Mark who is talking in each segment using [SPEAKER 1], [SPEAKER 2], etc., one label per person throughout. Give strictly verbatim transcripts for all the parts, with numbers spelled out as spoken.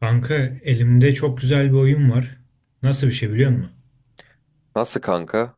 [SPEAKER 1] Kanka elimde çok güzel bir oyun var. Nasıl bir şey biliyor musun?
[SPEAKER 2] Nasıl kanka?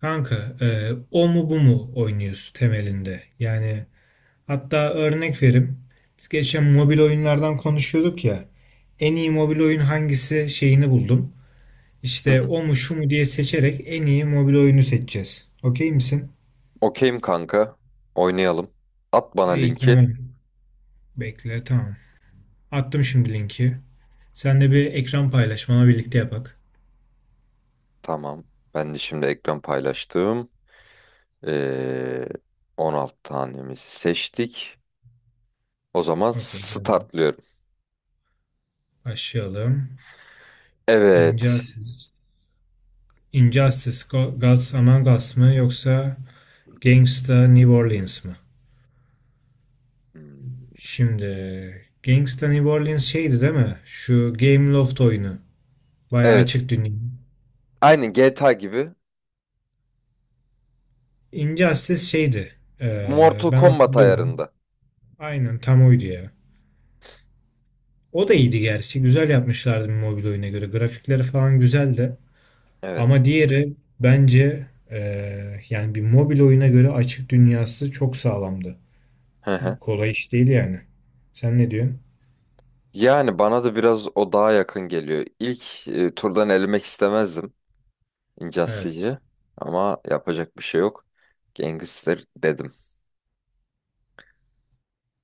[SPEAKER 1] Kanka, e, o mu bu mu oynuyoruz temelinde. Yani hatta örnek verim. Biz geçen mobil oyunlardan konuşuyorduk ya. En iyi mobil oyun hangisi şeyini buldum.
[SPEAKER 2] Hı
[SPEAKER 1] İşte
[SPEAKER 2] hı.
[SPEAKER 1] o mu şu mu diye seçerek en iyi mobil oyunu seçeceğiz. Okey misin?
[SPEAKER 2] Okeyim kanka. Oynayalım. At bana
[SPEAKER 1] İyi,
[SPEAKER 2] linki.
[SPEAKER 1] tamam. Bekle, tamam. Attım şimdi linki. Sen de bir ekran paylaş, birlikte yapak.
[SPEAKER 2] Tamam. Ben de şimdi ekran paylaştım. Ee, on altı tanemizi seçtik. O zaman
[SPEAKER 1] Okey, geldi.
[SPEAKER 2] startlıyorum.
[SPEAKER 1] Başlayalım.
[SPEAKER 2] Evet.
[SPEAKER 1] İncelsiz. Injustice Go- Gods Among Us mı yoksa Gangsta New Orleans mı?
[SPEAKER 2] Hmm,
[SPEAKER 1] Şimdi Gangsta New Orleans şeydi, değil mi? Şu Game Loft oyunu. Bayağı
[SPEAKER 2] Evet.
[SPEAKER 1] açık dünya.
[SPEAKER 2] Aynı ge te a gibi.
[SPEAKER 1] Injustice şeydi. Ee,
[SPEAKER 2] Mortal
[SPEAKER 1] ben
[SPEAKER 2] Kombat
[SPEAKER 1] hatırlıyorum.
[SPEAKER 2] ayarında.
[SPEAKER 1] Aynen tam oydu ya. O da iyiydi gerçi. Güzel yapmışlardı bir mobil oyuna göre. Grafikleri falan güzeldi.
[SPEAKER 2] Evet.
[SPEAKER 1] Ama diğeri bence ee, yani bir mobil oyuna göre açık dünyası çok sağlamdı.
[SPEAKER 2] Hı hı.
[SPEAKER 1] Kolay iş değil yani. Sen ne diyorsun?
[SPEAKER 2] Yani bana da biraz o daha yakın geliyor. İlk e, turdan elemek istemezdim
[SPEAKER 1] Evet.
[SPEAKER 2] Injustice'i. Ama yapacak bir şey yok. Gangster dedim.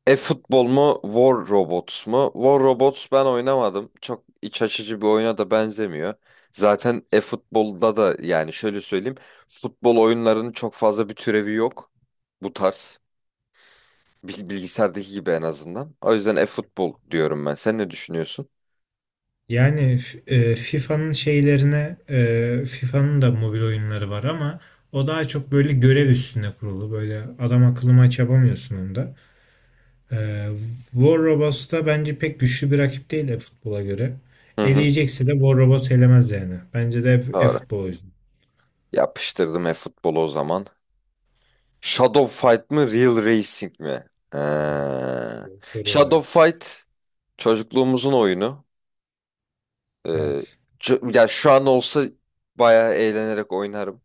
[SPEAKER 2] E-futbol mu, War Robots mu? War Robots ben oynamadım. Çok iç açıcı bir oyuna da benzemiyor. Zaten e-futbolda da yani şöyle söyleyeyim. Futbol oyunlarının çok fazla bir türevi yok. Bu tarz. Bil- Bilgisayardaki gibi en azından. O yüzden e-futbol diyorum ben. Sen ne düşünüyorsun?
[SPEAKER 1] Yani f- e, FIFA'nın şeylerine, e, FIFA'nın da mobil oyunları var ama o daha çok böyle görev üstüne kurulu. Böyle adam akıllı maç yapamıyorsun onda. E, War Robots da bence pek güçlü bir rakip değil de futbola göre.
[SPEAKER 2] Hı hı.
[SPEAKER 1] Eleyecekse de War Robots elemez yani. Bence de
[SPEAKER 2] Doğru.
[SPEAKER 1] e-futbol o yüzden.
[SPEAKER 2] Yapıştırdım e-futbolu o zaman. Shadow Fight mı, Real Racing mi? Ee,
[SPEAKER 1] Doğru.
[SPEAKER 2] Shadow Fight çocukluğumuzun oyunu. Ee,
[SPEAKER 1] Evet.
[SPEAKER 2] ço- Ya şu an olsa bayağı eğlenerek oynarım.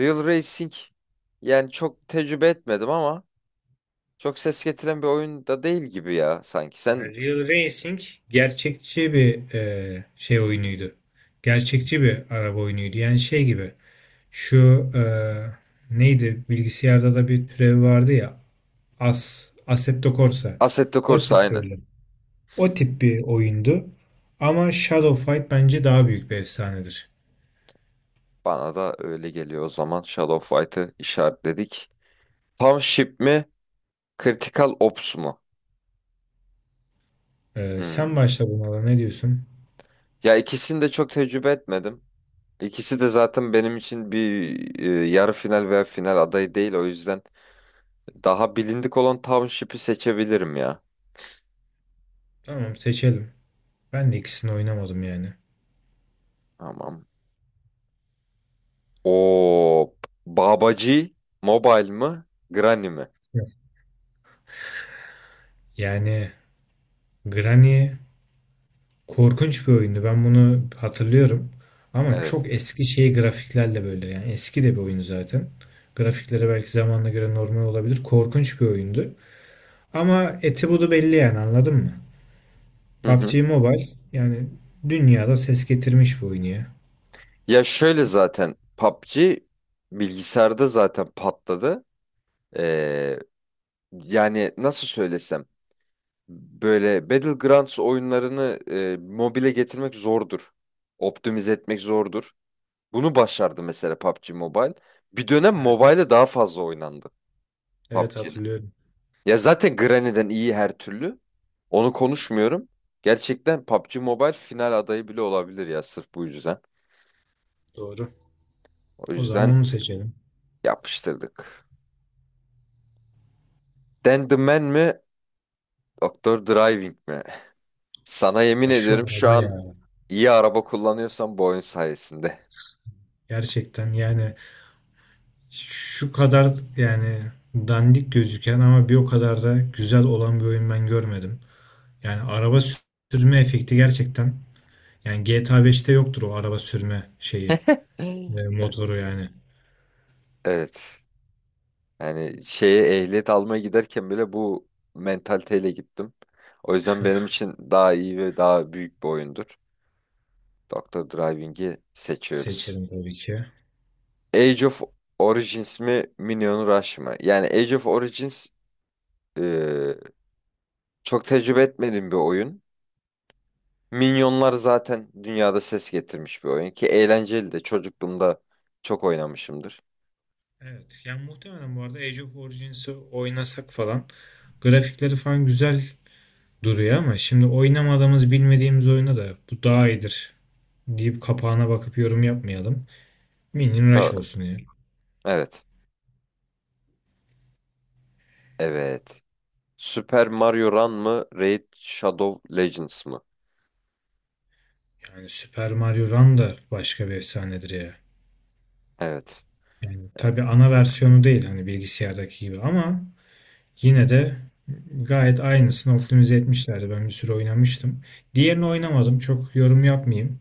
[SPEAKER 2] Real Racing yani çok tecrübe etmedim ama çok ses getiren bir oyun da değil gibi ya sanki. Sen
[SPEAKER 1] Yani Real Racing gerçekçi bir e, şey oyunuydu. Gerçekçi bir araba oyunuydu. Yani şey gibi şu e, neydi, bilgisayarda da bir türev vardı ya, As, Assetto Corsa.
[SPEAKER 2] Assetto
[SPEAKER 1] O
[SPEAKER 2] Corsa
[SPEAKER 1] tip
[SPEAKER 2] aynı.
[SPEAKER 1] böyle. O tip bir oyundu. Ama Shadow Fight bence daha büyük bir efsanedir.
[SPEAKER 2] Bana da öyle geliyor o zaman. Shadow Fight'ı işaretledik. Pump Ship mi? Critical Ops mu?
[SPEAKER 1] E, sen
[SPEAKER 2] Hmm.
[SPEAKER 1] başla, bunlara ne diyorsun?
[SPEAKER 2] Ya ikisini de çok tecrübe etmedim. İkisi de zaten benim için bir e, yarı final veya final adayı değil. O yüzden daha bilindik olan Township'i seçebilirim ya.
[SPEAKER 1] Tamam, seçelim. Ben de ikisini oynamadım yani.
[SPEAKER 2] Tamam. O Babacı Mobile mı? Granny mi?
[SPEAKER 1] Yani Granny korkunç bir oyundu. Ben bunu hatırlıyorum. Ama
[SPEAKER 2] Evet.
[SPEAKER 1] çok eski şey grafiklerle böyle, yani eski de bir oyun zaten. Grafikleri belki zamanla göre normal olabilir. Korkunç bir oyundu. Ama eti budu belli yani, anladın mı?
[SPEAKER 2] Hı hı.
[SPEAKER 1] P U B G Mobile yani dünyada ses getirmiş bir oyun ya.
[SPEAKER 2] Ya şöyle zaten PUBG bilgisayarda zaten patladı. Ee, Yani nasıl söylesem böyle Battlegrounds oyunlarını e, mobile getirmek zordur. Optimize etmek zordur. Bunu başardı mesela PUBG Mobile. Bir dönem
[SPEAKER 1] Evet.
[SPEAKER 2] mobile'e daha fazla oynandı
[SPEAKER 1] Evet,
[SPEAKER 2] PUBG.
[SPEAKER 1] hatırlıyorum.
[SPEAKER 2] Ya zaten Granny'den iyi her türlü. Onu konuşmuyorum. Gerçekten PUBG Mobile final adayı bile olabilir ya sırf bu yüzden.
[SPEAKER 1] Doğru.
[SPEAKER 2] O
[SPEAKER 1] O zaman
[SPEAKER 2] yüzden
[SPEAKER 1] onu seçelim.
[SPEAKER 2] yapıştırdık. Dan the Man mi? Doktor Driving mi? Sana yemin
[SPEAKER 1] Ya şu
[SPEAKER 2] ediyorum şu
[SPEAKER 1] araba
[SPEAKER 2] an
[SPEAKER 1] ya.
[SPEAKER 2] iyi araba kullanıyorsan bu oyun sayesinde.
[SPEAKER 1] Gerçekten yani şu kadar yani dandik gözüken ama bir o kadar da güzel olan bir oyun ben görmedim. Yani araba sürme efekti gerçekten. Yani G T A beşte yoktur o araba sürme şeyi. E, motoru yani.
[SPEAKER 2] Evet. Yani şeye ehliyet almaya giderken bile bu mentaliteyle gittim. O yüzden benim için daha iyi ve daha büyük bir oyundur. Doktor Driving'i seçiyoruz.
[SPEAKER 1] Seçelim tabii ki.
[SPEAKER 2] Age of Origins mi Minion Rush mı? Yani Age of Origins e, çok tecrübe etmediğim bir oyun. Minyonlar zaten dünyada ses getirmiş bir oyun ki eğlenceli de çocukluğumda çok oynamışımdır.
[SPEAKER 1] Evet. Yani muhtemelen bu arada Age of Origins'i oynasak falan grafikleri falan güzel duruyor, ama şimdi oynamadığımız bilmediğimiz oyuna da bu daha iyidir deyip kapağına bakıp yorum yapmayalım. Minion Rush
[SPEAKER 2] Doğru.
[SPEAKER 1] olsun ya.
[SPEAKER 2] Evet. Evet. Super Mario Run mı Raid Shadow Legends mı?
[SPEAKER 1] Yani Super Mario Run da başka bir efsanedir ya.
[SPEAKER 2] Evet.
[SPEAKER 1] Yani tabii ana versiyonu değil hani bilgisayardaki gibi, ama yine de gayet aynısını optimize etmişlerdi. Ben bir süre oynamıştım. Diğerini oynamadım. Çok yorum yapmayayım.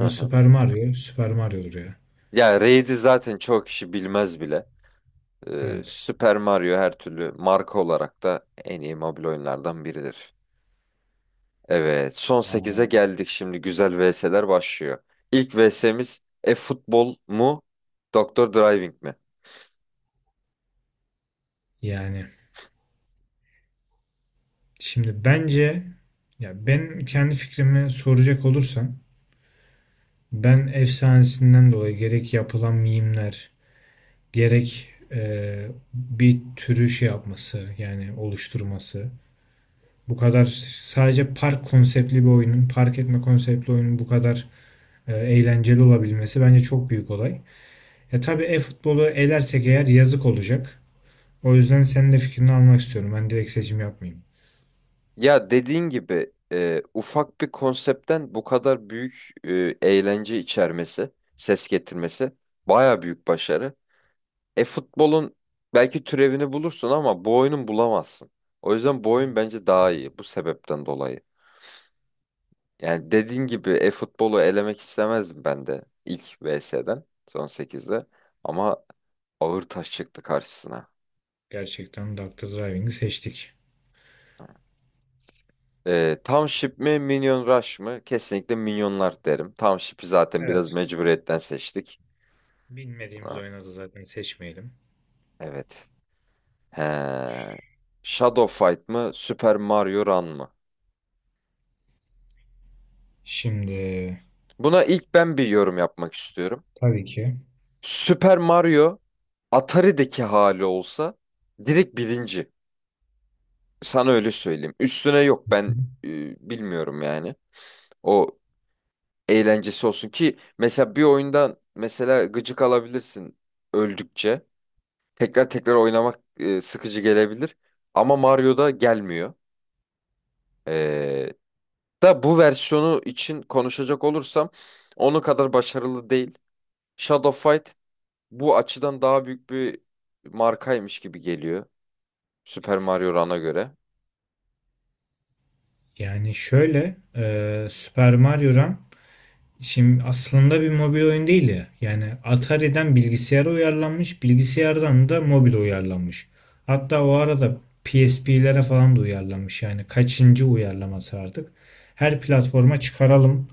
[SPEAKER 2] Hı hı.
[SPEAKER 1] Super Mario, Super Mario'dur ya.
[SPEAKER 2] Ya Raid'i zaten çok kişi bilmez bile. E,
[SPEAKER 1] Evet.
[SPEAKER 2] Super Mario her türlü marka olarak da en iyi mobil oyunlardan biridir. Evet, son sekize geldik şimdi. Güzel vi es ler başlıyor. İlk vi es imiz e-futbol mu, Doktor Driving mi?
[SPEAKER 1] Yani şimdi bence, ya ben kendi fikrimi soracak olursan, ben efsanesinden dolayı gerek yapılan mimler, gerek e, bir türü şey yapması yani oluşturması, bu kadar sadece park konseptli bir oyunun park etme konseptli oyunun bu kadar e, eğlenceli olabilmesi bence çok büyük olay. Ya tabii e-futbolu elersek eğer yazık olacak. O yüzden senin de fikrini almak istiyorum. Ben direkt seçim yapmayayım.
[SPEAKER 2] Ya dediğin gibi e, ufak bir konseptten bu kadar büyük e, eğlence içermesi, ses getirmesi baya büyük başarı. E-futbolun belki türevini bulursun ama bu oyunun bulamazsın. O yüzden bu oyun
[SPEAKER 1] Evet.
[SPEAKER 2] bence daha iyi bu sebepten dolayı. Yani dediğin gibi e-futbolu elemek istemezdim ben de ilk versustan son sekizde. Ama ağır taş çıktı karşısına.
[SPEAKER 1] Gerçekten doktor Driving'i seçtik.
[SPEAKER 2] Ee, Township mi Minion Rush mı? Kesinlikle Minyonlar derim. Township'i zaten biraz
[SPEAKER 1] Evet.
[SPEAKER 2] mecburiyetten seçtik.
[SPEAKER 1] Bilmediğimiz
[SPEAKER 2] Ha,
[SPEAKER 1] oyuna da zaten seçmeyelim.
[SPEAKER 2] evet. He. Shadow Fight mı Super Mario Run mı?
[SPEAKER 1] Şimdi,
[SPEAKER 2] Buna ilk ben bir yorum yapmak istiyorum.
[SPEAKER 1] tabii ki.
[SPEAKER 2] Super Mario Atari'deki hali olsa direkt birinci. Sana öyle söyleyeyim. Üstüne yok ben e, bilmiyorum yani. O eğlencesi olsun ki mesela bir oyundan mesela gıcık alabilirsin öldükçe. Tekrar tekrar oynamak e, sıkıcı gelebilir ama Mario'da gelmiyor. Ee, Da bu versiyonu için konuşacak olursam onun kadar başarılı değil. Shadow Fight bu açıdan daha büyük bir markaymış gibi geliyor Super Mario Run'a göre.
[SPEAKER 1] Yani şöyle, e, Super Mario Run şimdi aslında bir mobil oyun değil ya. Yani Atari'den bilgisayara uyarlanmış, bilgisayardan da mobil uyarlanmış. Hatta o arada P S P'lere falan da uyarlanmış. Yani kaçıncı uyarlaması artık. Her platforma çıkaralım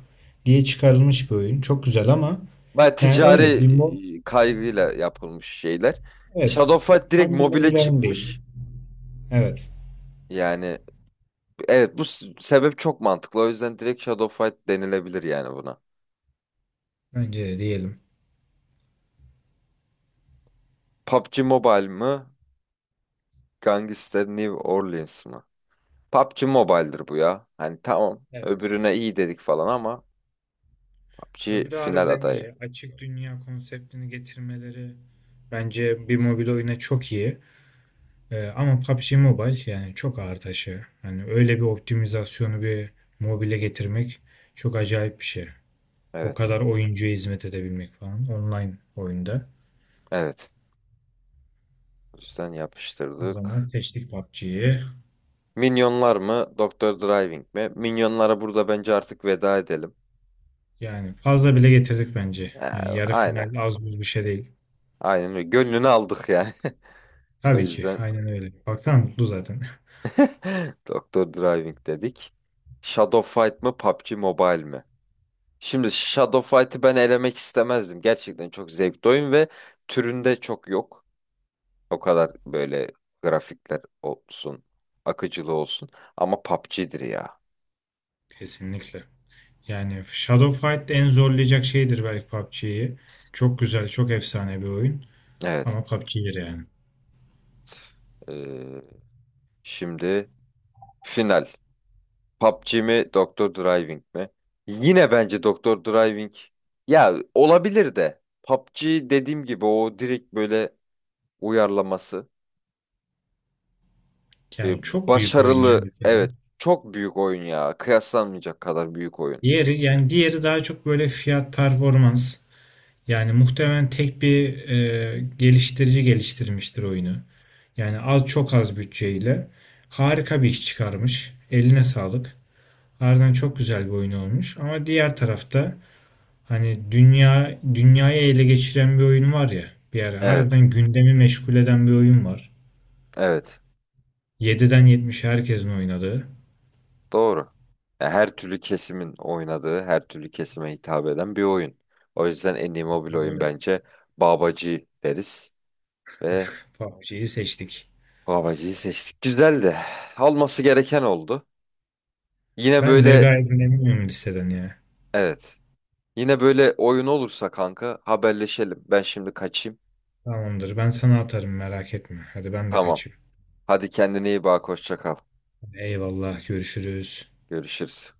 [SPEAKER 1] diye çıkarılmış bir oyun. Çok güzel, ama
[SPEAKER 2] Baya
[SPEAKER 1] yani
[SPEAKER 2] ticari
[SPEAKER 1] öyle bir mo
[SPEAKER 2] e, kaygıyla yapılmış şeyler.
[SPEAKER 1] evet,
[SPEAKER 2] Shadow Fight direkt
[SPEAKER 1] tam bir
[SPEAKER 2] mobile
[SPEAKER 1] mobil oyun değil.
[SPEAKER 2] çıkmış.
[SPEAKER 1] Evet.
[SPEAKER 2] Yani evet, bu s- sebep çok mantıklı. O yüzden direkt Shadow Fight denilebilir yani buna.
[SPEAKER 1] Bence de diyelim.
[SPEAKER 2] PUBG Mobile mı? Gangster New Orleans mı? PUBG Mobile'dir bu ya. Hani tamam
[SPEAKER 1] Evet.
[SPEAKER 2] öbürüne iyi dedik falan ama PUBG
[SPEAKER 1] Öbürü
[SPEAKER 2] final
[SPEAKER 1] harbiden
[SPEAKER 2] adayı.
[SPEAKER 1] iyi. Açık dünya konseptini getirmeleri bence bir mobil oyuna çok iyi. Ee, ama P U B G Mobile yani çok ağır taşı. Hani öyle bir optimizasyonu bir mobile getirmek çok acayip bir şey. O
[SPEAKER 2] Evet.
[SPEAKER 1] kadar oyuncuya hizmet edebilmek falan, online oyunda.
[SPEAKER 2] Evet. O yüzden
[SPEAKER 1] O zaman
[SPEAKER 2] yapıştırdık.
[SPEAKER 1] seçtik P U B G'yi.
[SPEAKER 2] Minyonlar mı? Doktor Driving mi? Minyonlara burada bence artık veda edelim.
[SPEAKER 1] Yani fazla bile getirdik bence.
[SPEAKER 2] Ee,
[SPEAKER 1] Yani yarı
[SPEAKER 2] aynen.
[SPEAKER 1] final az buz bir şey değil.
[SPEAKER 2] Aynen öyle. Gönlünü aldık yani. O
[SPEAKER 1] Tabii ki
[SPEAKER 2] yüzden
[SPEAKER 1] aynen öyle. Baksana mutlu zaten.
[SPEAKER 2] Doktor Driving dedik. Shadow Fight mı? PUBG Mobile mi? Şimdi Shadow Fight'ı ben elemek istemezdim. Gerçekten çok zevkli oyun ve türünde çok yok. O kadar böyle grafikler olsun, akıcılığı olsun. Ama PUBG'dir ya.
[SPEAKER 1] Kesinlikle. Yani Shadow Fight en zorlayacak şeydir belki P U B G'yi. Çok güzel, çok efsane bir oyun.
[SPEAKER 2] Evet.
[SPEAKER 1] Ama P U B G'dir yani.
[SPEAKER 2] Ee, Şimdi final. PUBG mi, Doktor Driving mi? Yine bence Doktor Driving. Ya olabilir de. PUBG dediğim gibi o direkt böyle uyarlaması. Ee,
[SPEAKER 1] Yani çok büyük oyun yani
[SPEAKER 2] Başarılı.
[SPEAKER 1] bir kere.
[SPEAKER 2] Evet. Çok büyük oyun ya. Kıyaslanmayacak kadar büyük oyun.
[SPEAKER 1] Diğeri yani diğeri daha çok böyle fiyat performans. Yani muhtemelen tek bir e, geliştirici geliştirmiştir oyunu. Yani az, çok az bütçeyle harika bir iş çıkarmış. Eline sağlık. Harbiden çok güzel bir oyun olmuş. Ama diğer tarafta hani dünya dünyayı ele geçiren bir oyun var ya. Bir ara
[SPEAKER 2] Evet.
[SPEAKER 1] harbiden gündemi meşgul eden bir oyun var,
[SPEAKER 2] Evet,
[SPEAKER 1] yediden yetmişe herkesin oynadığı.
[SPEAKER 2] doğru. Ya her türlü kesimin oynadığı, her türlü kesime hitap eden bir oyun. O yüzden en iyi mobil oyun
[SPEAKER 1] Böyle
[SPEAKER 2] bence Babacı deriz ve
[SPEAKER 1] P U B G'yi seçtik.
[SPEAKER 2] Babacı'yı seçtik. Güzeldi. Alması gereken oldu. Yine
[SPEAKER 1] Ben de
[SPEAKER 2] böyle
[SPEAKER 1] gayet memnunum listeden ya.
[SPEAKER 2] evet. Yine böyle oyun olursa kanka haberleşelim. Ben şimdi kaçayım.
[SPEAKER 1] Tamamdır. Ben sana atarım, merak etme. Hadi ben de
[SPEAKER 2] Tamam.
[SPEAKER 1] kaçayım.
[SPEAKER 2] Hadi kendine iyi bak. Hoşça kal.
[SPEAKER 1] Eyvallah. Görüşürüz.
[SPEAKER 2] Görüşürüz.